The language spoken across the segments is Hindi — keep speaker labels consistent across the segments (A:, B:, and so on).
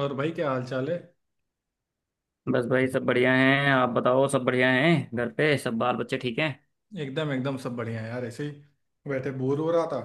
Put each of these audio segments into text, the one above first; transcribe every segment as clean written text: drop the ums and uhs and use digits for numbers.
A: और भाई क्या हाल चाल है।
B: बस भाई सब बढ़िया हैं। आप बताओ, सब बढ़िया हैं? घर पे सब बाल बच्चे ठीक हैं?
A: एकदम एकदम सब बढ़िया है यार, ऐसे ही बैठे बोर हो रहा था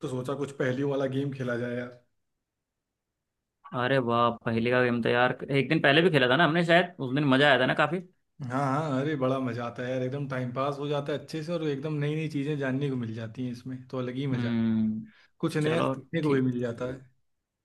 A: तो सोचा कुछ पहेलियों वाला गेम खेला जाए यार।
B: अरे वाह, पहले का गेम तो यार एक दिन पहले भी खेला था ना हमने शायद, उस दिन मजा आया था ना काफी।
A: हाँ हाँ, अरे बड़ा मजा आता है यार, एकदम टाइम पास हो जाता है अच्छे से और एकदम नई नई चीजें जानने को मिल जाती हैं, इसमें तो अलग ही मजा है।
B: हम्म।
A: कुछ नया
B: चलो।
A: सीखने को भी मिल
B: ठीक।
A: जाता है।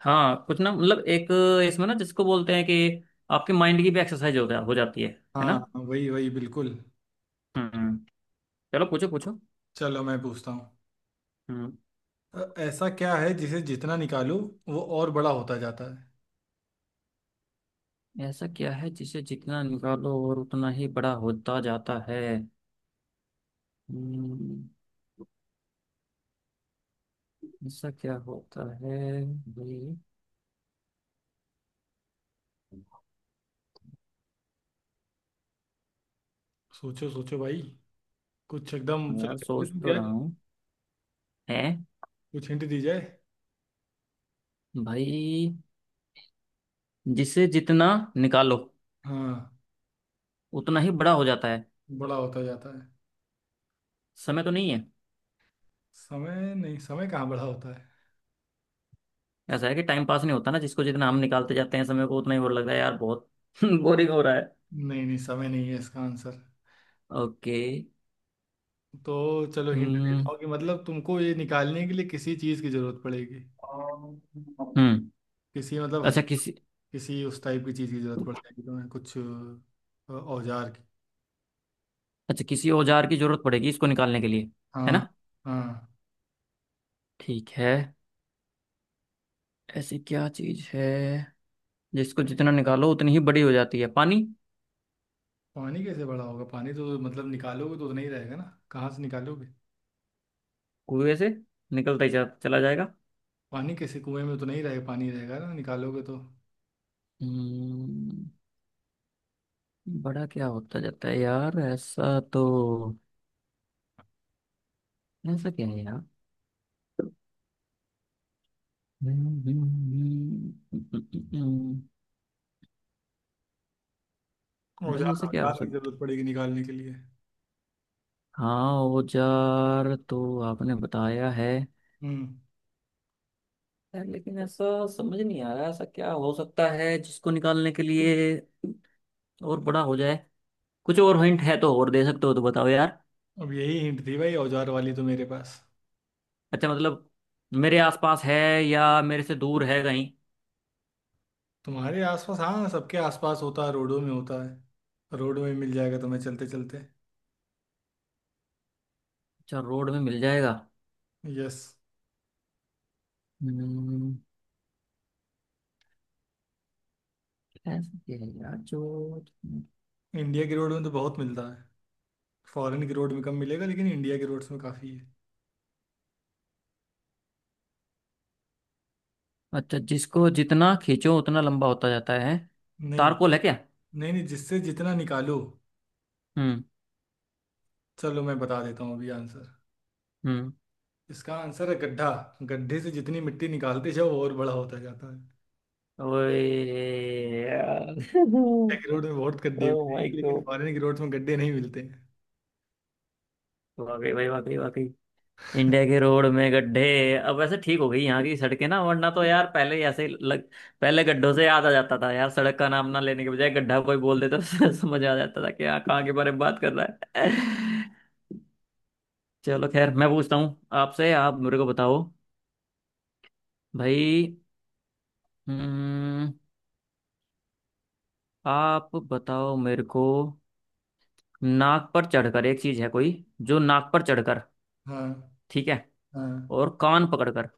B: हाँ कुछ ना मतलब एक, इसमें ना जिसको बोलते हैं कि आपके माइंड की भी एक्सरसाइज होता हो जाती है। है ना।
A: हाँ हाँ, वही वही बिल्कुल।
B: हम्म। चलो, पूछो पूछो।
A: चलो मैं पूछता हूँ।
B: हम्म।
A: ऐसा क्या है जिसे जितना निकालो वो और बड़ा होता जाता है।
B: ऐसा क्या है जिसे जितना निकालो और उतना ही बड़ा होता जाता है? हम्म, ऐसा क्या होता है भाई?
A: सोचो सोचो भाई, कुछ एकदम,
B: हाँ यार
A: चलो
B: सोच
A: तुम
B: तो
A: क्या,
B: रहा हूँ। है
A: कुछ हिंट दी जाए।
B: भाई, जिससे जितना निकालो
A: हाँ
B: उतना ही बड़ा हो जाता है।
A: बड़ा होता जाता है।
B: समय तो नहीं है?
A: समय नहीं, समय कहाँ बड़ा होता है।
B: ऐसा है कि टाइम पास नहीं होता ना, जिसको जितना हम निकालते जाते हैं समय को, उतना ही वो लगता है यार बहुत बोरिंग हो रहा है।
A: नहीं नहीं, समय नहीं है इसका आंसर।
B: ओके।
A: तो चलो हिंट देता
B: हम्म।
A: हूँ कि मतलब तुमको ये निकालने के लिए किसी चीज़ की जरूरत पड़ेगी।
B: हम्म।
A: किसी मतलब
B: अच्छा किसी।
A: किसी उस टाइप की चीज़ की जरूरत पड़ जाएगी तुम्हें, कुछ औजार की।
B: अच्छा, किसी औजार की जरूरत पड़ेगी इसको निकालने के लिए? है
A: हाँ।
B: ना।
A: हाँ।
B: ठीक है। ऐसी क्या चीज है जिसको जितना निकालो उतनी ही बड़ी हो जाती है? पानी।
A: पानी कैसे बड़ा होगा, पानी तो मतलब निकालोगे तो उतना ही रहेगा ना। कहाँ से निकालोगे।
B: कुएं से। चला जाएगा।
A: पानी कैसे, कुएं में तो नहीं रहेगा पानी, रहेगा ना निकालोगे तो।
B: हम्म। बड़ा क्या होता जाता है यार ऐसा तो? ऐसा क्या है यार? हम्म, हम्म, हम्म, भाई
A: औजार
B: ऐसा क्या हो
A: औजार की
B: सकता?
A: जरूरत पड़ेगी निकालने के लिए।
B: हाँ औजार तो आपने बताया है।
A: हम्म।
B: यार लेकिन ऐसा समझ नहीं आ रहा, ऐसा क्या हो सकता है जिसको निकालने के लिए और बड़ा हो जाए? कुछ और हिंट है तो और दे सकते हो तो बताओ यार।
A: अब यही हिंट थी भाई औजार वाली तो मेरे पास।
B: अच्छा मतलब, मेरे आसपास है या मेरे से दूर है कहीं?
A: तुम्हारे आसपास हाँ, सबके आसपास होता है, रोडों में होता है, रोडों में मिल जाएगा तुम्हें चलते चलते।
B: अच्छा, रोड में मिल जाएगा।
A: यस।
B: हम्म, ऐसा क्या है यार जो।
A: इंडिया की रोड में तो बहुत मिलता है। फॉरेन की रोड में कम मिलेगा लेकिन इंडिया की रोड्स में काफ़ी है।
B: अच्छा, जिसको जितना खींचो उतना लंबा होता जाता है?
A: नहीं।
B: तारकोल है क्या?
A: नहीं जिससे जितना निकालो।
B: हम्म।
A: चलो मैं बता देता हूँ अभी आंसर।
B: हम्म।
A: इसका आंसर है गड्ढा। गड्ढे से जितनी मिट्टी निकालते जाओ वो और बड़ा होता जाता है। इंडिया
B: ओए यार
A: की रोड में बहुत गड्ढे
B: ओ माय
A: मिलेंगे लेकिन
B: गॉड।
A: फॉरेन की रोड्स में गड्ढे नहीं मिलते हैं।
B: वाकई भाई, वाकई वाकई। इंडिया के रोड में गड्ढे। अब वैसे ठीक हो गई यहाँ की सड़कें ना, वरना तो यार पहले ही ऐसे ही लग। पहले गड्ढों से याद आ जाता था यार, सड़क का नाम ना लेने के बजाय गड्ढा कोई बोल देता तो समझ आ जाता था कि यहाँ, कहाँ के बारे में बात कर रहा है। चलो खैर, मैं पूछता हूँ आपसे। आप मेरे को बताओ भाई। हम्म। आप बताओ मेरे को, नाक पर चढ़कर एक चीज है कोई, जो नाक पर चढ़कर।
A: हाँ।
B: ठीक है।
A: हाँ
B: और कान पकड़कर।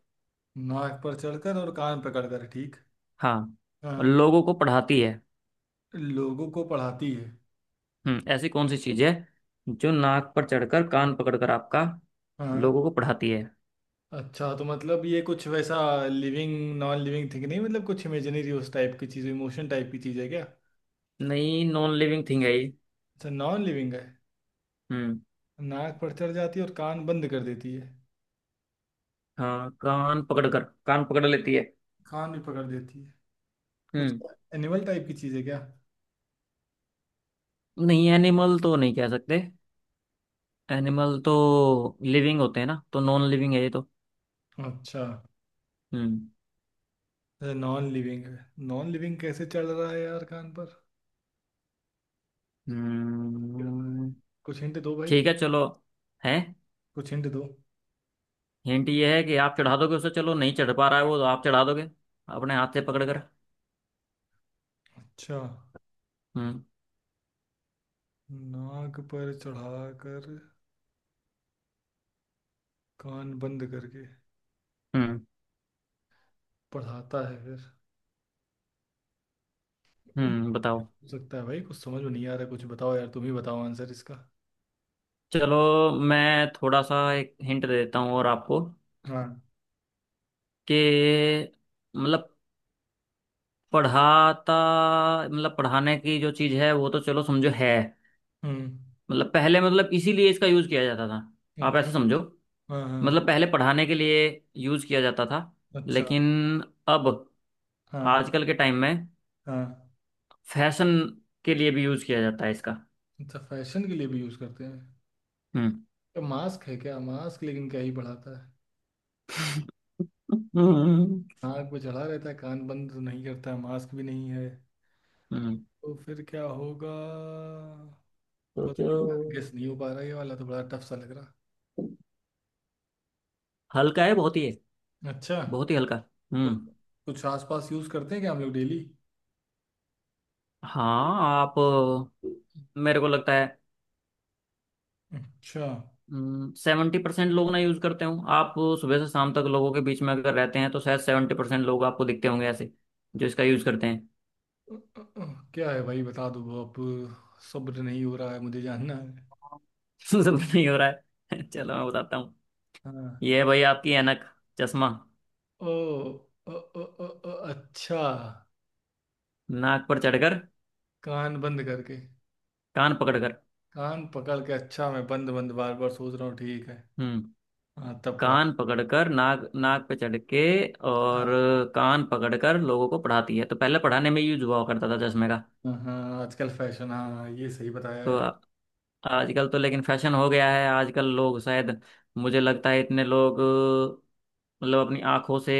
A: नाक पर चढ़कर और कान पकड़कर ठीक।
B: हाँ।
A: हाँ।
B: लोगों को पढ़ाती है।
A: लोगों को पढ़ाती है।
B: हम्म, ऐसी कौन सी चीज है जो नाक पर चढ़कर कान पकड़कर आपका
A: हाँ।
B: लोगों को पढ़ाती है?
A: अच्छा तो मतलब ये कुछ वैसा लिविंग, नॉन लिविंग थिंग नहीं, मतलब कुछ इमेजिनरी उस टाइप की चीज़, इमोशन टाइप की चीज़ है क्या।
B: नहीं, नॉन लिविंग थिंग है ये।
A: अच्छा नॉन लिविंग है।
B: हम्म।
A: नाक पर चढ़ जाती है और कान बंद कर देती है।
B: हाँ कान पकड़कर, कान पकड़ लेती है।
A: कान भी पकड़ देती है। कुछ
B: हम्म।
A: एनिमल टाइप की चीज़ है क्या।
B: नहीं एनिमल तो नहीं कह सकते। एनिमल तो लिविंग होते हैं ना, तो नॉन लिविंग है ये तो।
A: अच्छा।
B: हम्म।
A: अच्छा नॉन लिविंग है। नॉन लिविंग कैसे चढ़ रहा है यार कान पर।
B: हम्म,
A: कुछ हिंट दो भाई।
B: ठीक है चलो। है।
A: कुछ हिंट दो।
B: हिंट ये है कि आप चढ़ा दोगे उसे, चलो नहीं चढ़ पा रहा है वो तो आप चढ़ा दोगे अपने हाथ से पकड़ कर।
A: अच्छा।
B: हम्म।
A: नाक पर चढ़ाकर कान बंद करके
B: हम्म।
A: पढ़ाता है फिर।
B: बताओ।
A: हो सकता है भाई, कुछ समझ में नहीं आ रहा, कुछ बताओ यार, तुम ही बताओ आंसर इसका।
B: चलो मैं थोड़ा सा एक हिंट दे देता हूँ और आपको,
A: हाँ।
B: कि मतलब पढ़ाता, मतलब पढ़ाने की जो चीज़ है वो तो चलो समझो है।
A: हम्म।
B: मतलब पहले, मतलब इसीलिए इसका यूज़ किया जाता
A: हाँ।
B: था। आप ऐसे समझो,
A: हाँ हाँ,
B: मतलब पहले पढ़ाने के लिए यूज़ किया जाता था।
A: अच्छा।
B: लेकिन अब
A: हाँ।
B: आजकल के टाइम में
A: हाँ
B: फैशन के लिए भी यूज किया जाता है इसका।
A: अच्छा फैशन के लिए भी यूज करते हैं।
B: हम्म।
A: तो मास्क है क्या, मास्क लेकिन क्या ही बढ़ाता है।
B: हम्म।
A: नाक पे चढ़ा रहता है कान बंद तो नहीं करता है, मास्क भी नहीं है।
B: हम्म,
A: तो फिर क्या होगा। पता
B: सोचो।
A: नहीं यार, गेस नहीं हो पा रहा, ये वाला तो बड़ा टफ सा लग रहा।
B: हल्का है, बहुत ही है,
A: अच्छा।
B: बहुत ही हल्का।
A: कुछ
B: हम्म।
A: कुछ आसपास यूज करते हैं क्या हम लोग डेली।
B: हाँ आप, मेरे को लगता है,
A: अच्छा।
B: 70% लोग ना यूज करते हो आप। सुबह से शाम तक लोगों के बीच में अगर रहते हैं तो शायद 70% लोग आपको दिखते होंगे ऐसे, जो इसका यूज करते हैं।
A: क्या है भाई बता दो अब। सब्र नहीं हो रहा है, मुझे जानना है।
B: सब नहीं हो रहा है। चलो मैं बताता हूँ।
A: हाँ।
B: ये है भाई आपकी ऐनक, चश्मा।
A: ओ, ओ, ओ, ओ, ओ, अच्छा।
B: नाक पर चढ़कर,
A: कान बंद करके
B: कान पकड़कर।
A: कान पकड़ के अच्छा, मैं बंद बंद बार बार सोच रहा हूँ ठीक है।
B: हम्म।
A: हाँ तब पढ़ा।
B: कान पकड़कर नाक, नाक पे चढ़ के
A: अच्छा।
B: और कान पकड़कर लोगों को पढ़ाती है, तो पहले पढ़ाने में यूज हुआ करता था चश्मे का।
A: हाँ हाँ, आजकल फैशन, हाँ ये सही बताया
B: तो
A: यार।
B: आ-, आजकल तो लेकिन फैशन हो गया है। आजकल लोग शायद, मुझे लगता है इतने लोग मतलब अपनी आंखों से,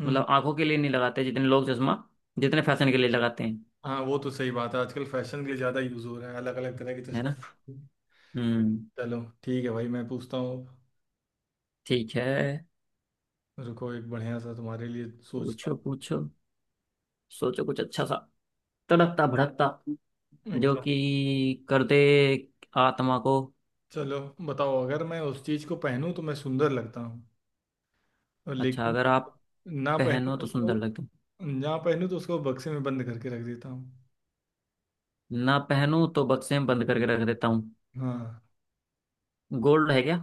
A: हम्म।
B: मतलब आंखों के लिए नहीं लगाते जितने लोग चश्मा, जितने फैशन के लिए लगाते हैं।
A: हाँ वो तो सही बात है, आजकल फैशन के लिए ज़्यादा यूज़ हो रहा है अलग अलग तरह के
B: है
A: चश्मे।
B: ना। हम्म।
A: चलो ठीक है भाई, मैं पूछता हूँ।
B: ठीक है,
A: रुको एक बढ़िया सा तुम्हारे लिए सोचता
B: पूछो
A: हूँ कुछ।
B: पूछो। सोचो कुछ अच्छा सा, तड़कता भड़कता, जो
A: एकदम।
B: कि कर दे आत्मा को।
A: चलो बताओ, अगर मैं उस चीज को पहनूं तो मैं सुंदर लगता हूँ और
B: अच्छा,
A: लेकिन
B: अगर आप
A: ना पहनूं
B: पहनो
A: तो
B: तो सुंदर
A: उसको,
B: लगते हो।
A: ना पहनूं तो उसको बक्से में बंद करके रख देता हूँ।
B: ना पहनो तो बक्से में बंद करके रख देता हूँ।
A: हाँ।
B: गोल्ड है क्या?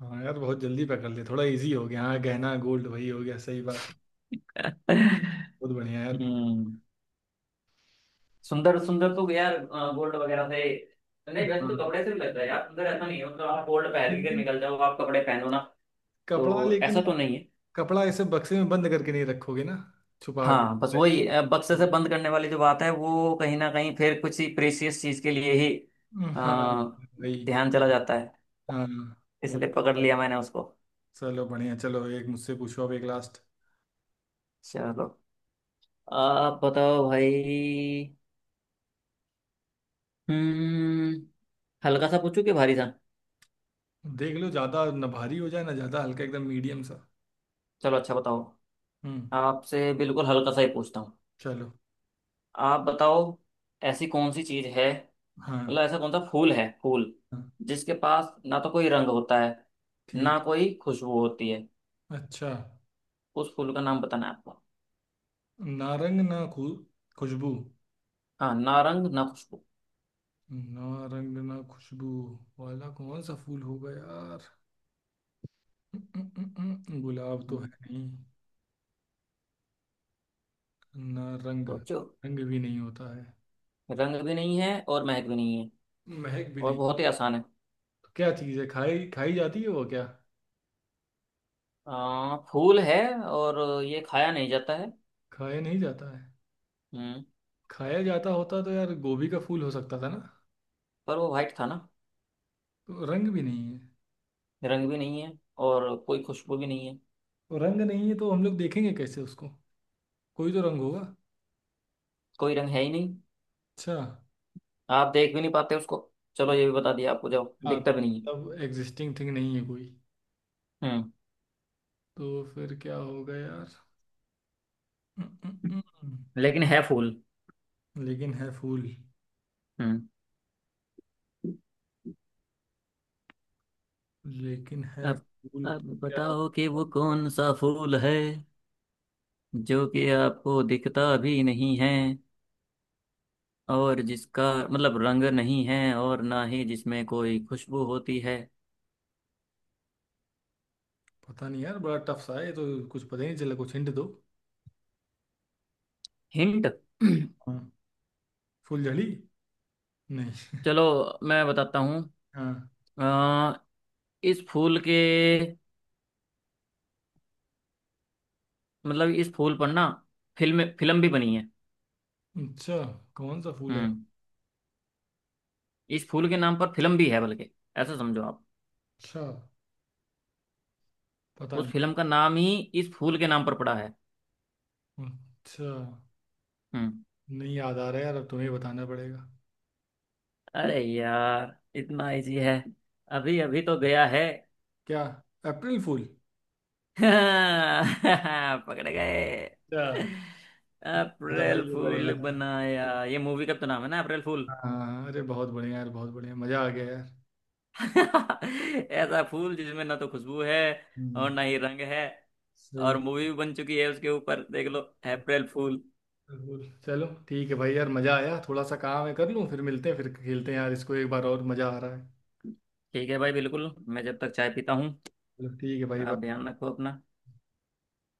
A: हाँ यार बहुत जल्दी पकड़ लिया, थोड़ा इजी हो गया, हाँ गहना गोल्ड वही हो गया, सही बात। बहुत बढ़िया यार।
B: हम्म। सुंदर सुंदर तो यार गोल्ड वगैरह से नहीं, वैसे तो
A: हाँ।
B: कपड़े से भी लगता है यार सुंदर, ऐसा नहीं है। मतलब आप गोल्ड पहन के
A: लेकिन
B: निकल जाओ, आप कपड़े पहनो ना, तो
A: कपड़ा लेकिन
B: ऐसा तो
A: आप,
B: नहीं है।
A: कपड़ा ऐसे बक्से में बंद करके नहीं रखोगे ना, छुपा के।
B: हाँ बस वही बक्से से
A: हम्म,
B: बंद करने वाली जो बात है वो कहीं ना कहीं फिर कुछ ही प्रेशियस चीज के लिए ही
A: हाँ,
B: अ,
A: वही।
B: ध्यान चला जाता है।
A: हाँ। वो-
B: इसलिए पकड़ लिया मैंने उसको।
A: चलो बढ़िया, चलो एक मुझसे पूछो अब एक लास्ट।
B: चलो आप बताओ भाई। हम्म। हल्का सा पूछूं कि भारी सा?
A: देख लो ज्यादा ना भारी हो जाए ना ज्यादा हल्का, एकदम मीडियम सा।
B: चलो अच्छा बताओ,
A: हम्म।
B: आपसे बिल्कुल हल्का सा ही पूछता हूँ।
A: चलो।
B: आप बताओ, ऐसी कौन सी चीज है,
A: हाँ।
B: मतलब ऐसा कौन सा फूल है, फूल
A: हाँ।
B: जिसके पास ना तो कोई रंग होता है
A: ठीक।
B: ना कोई खुशबू होती है?
A: अच्छा।
B: उस फूल का नाम बताना है आपको।
A: ना रंग ना खु खुशबू।
B: हाँ ना रंग ना खुशबू।
A: ना रंग ना खुशबू वाला कौन सा फूल होगा यार। उम, उम, गुलाब तो है
B: हम्म,
A: नहीं। ना रंग।
B: सोचो।
A: रंग भी नहीं होता है।
B: रंग भी नहीं है और महक भी नहीं है,
A: महक भी
B: और
A: नहीं।
B: बहुत ही आसान है।
A: क्या चीज़ है, खाई खाई जाती है वो क्या।
B: फूल है और ये खाया नहीं जाता है।
A: खाया नहीं जाता है।
B: हम्म।
A: खाया जाता होता तो यार गोभी का फूल हो सकता था ना।
B: पर वो वाइट था ना।
A: तो रंग भी नहीं है।
B: रंग भी नहीं है और कोई खुशबू भी नहीं है।
A: तो रंग नहीं है तो हम लोग देखेंगे कैसे उसको, कोई तो रंग होगा।
B: कोई रंग है ही नहीं,
A: अच्छा।
B: आप देख भी नहीं पाते उसको। चलो ये भी बता दिया आपको, जब
A: हाँ
B: दिखता
A: तो
B: भी नहीं है।
A: मतलब एग्जिस्टिंग थिंग नहीं है कोई,
B: हम्म।
A: तो फिर क्या होगा यार। हम्म, हम्म, हम्म।
B: लेकिन है फूल।
A: लेकिन है फूल।
B: हम्म।
A: लेकिन है
B: अब
A: फूल
B: अब
A: तो क्या।
B: बताओ कि वो कौन सा फूल है जो कि आपको दिखता भी नहीं है, और जिसका मतलब रंग नहीं है और ना ही जिसमें कोई खुशबू होती है।
A: पता नहीं यार, बड़ा टफ सा है ये तो, कुछ पता ही नहीं चला, कुछ हिंट दो।
B: हिंट।
A: हाँ। फूलझड़ी। नहीं
B: चलो मैं बताता हूँ।
A: हाँ।
B: अ, इस फूल के, मतलब इस फूल पर ना फिल्म फिल्म भी बनी है।
A: अच्छा कौन सा फूल है।
B: हम्म। इस फूल के नाम पर फिल्म भी है, बल्कि ऐसा समझो आप,
A: अच्छा। पता
B: उस
A: नहीं।
B: फिल्म का नाम ही इस फूल के नाम पर पड़ा है।
A: अच्छा
B: हम्म।
A: नहीं याद आ रहा यार, अब तुम्हें बताना पड़ेगा।
B: अरे यार इतना इजी है, अभी अभी तो गया है।
A: क्या, अप्रैल फूल।
B: पकड़ गए।
A: अच्छा, था
B: अप्रैल
A: भाई, ये बढ़िया
B: फूल
A: था।
B: बनाया। ये मूवी का तो नाम है ना, अप्रैल फूल।
A: हाँ, अरे बहुत बढ़िया यार, बहुत बढ़िया, मजा आ गया यार।
B: ऐसा फूल जिसमें ना तो खुशबू है और
A: हम्म,
B: ना ही रंग है, और
A: सही।
B: मूवी भी बन चुकी है उसके ऊपर देख लो, अप्रैल फूल।
A: जरूर। चलो ठीक है भाई, यार मजा आया, थोड़ा सा काम है कर लूँ, फिर मिलते हैं, फिर खेलते हैं यार इसको एक बार, और मजा आ रहा है।
B: ठीक है भाई बिल्कुल, मैं जब तक चाय पीता हूँ।
A: चलो ठीक है भाई,
B: आप
A: बाय।
B: ध्यान रखो अपना।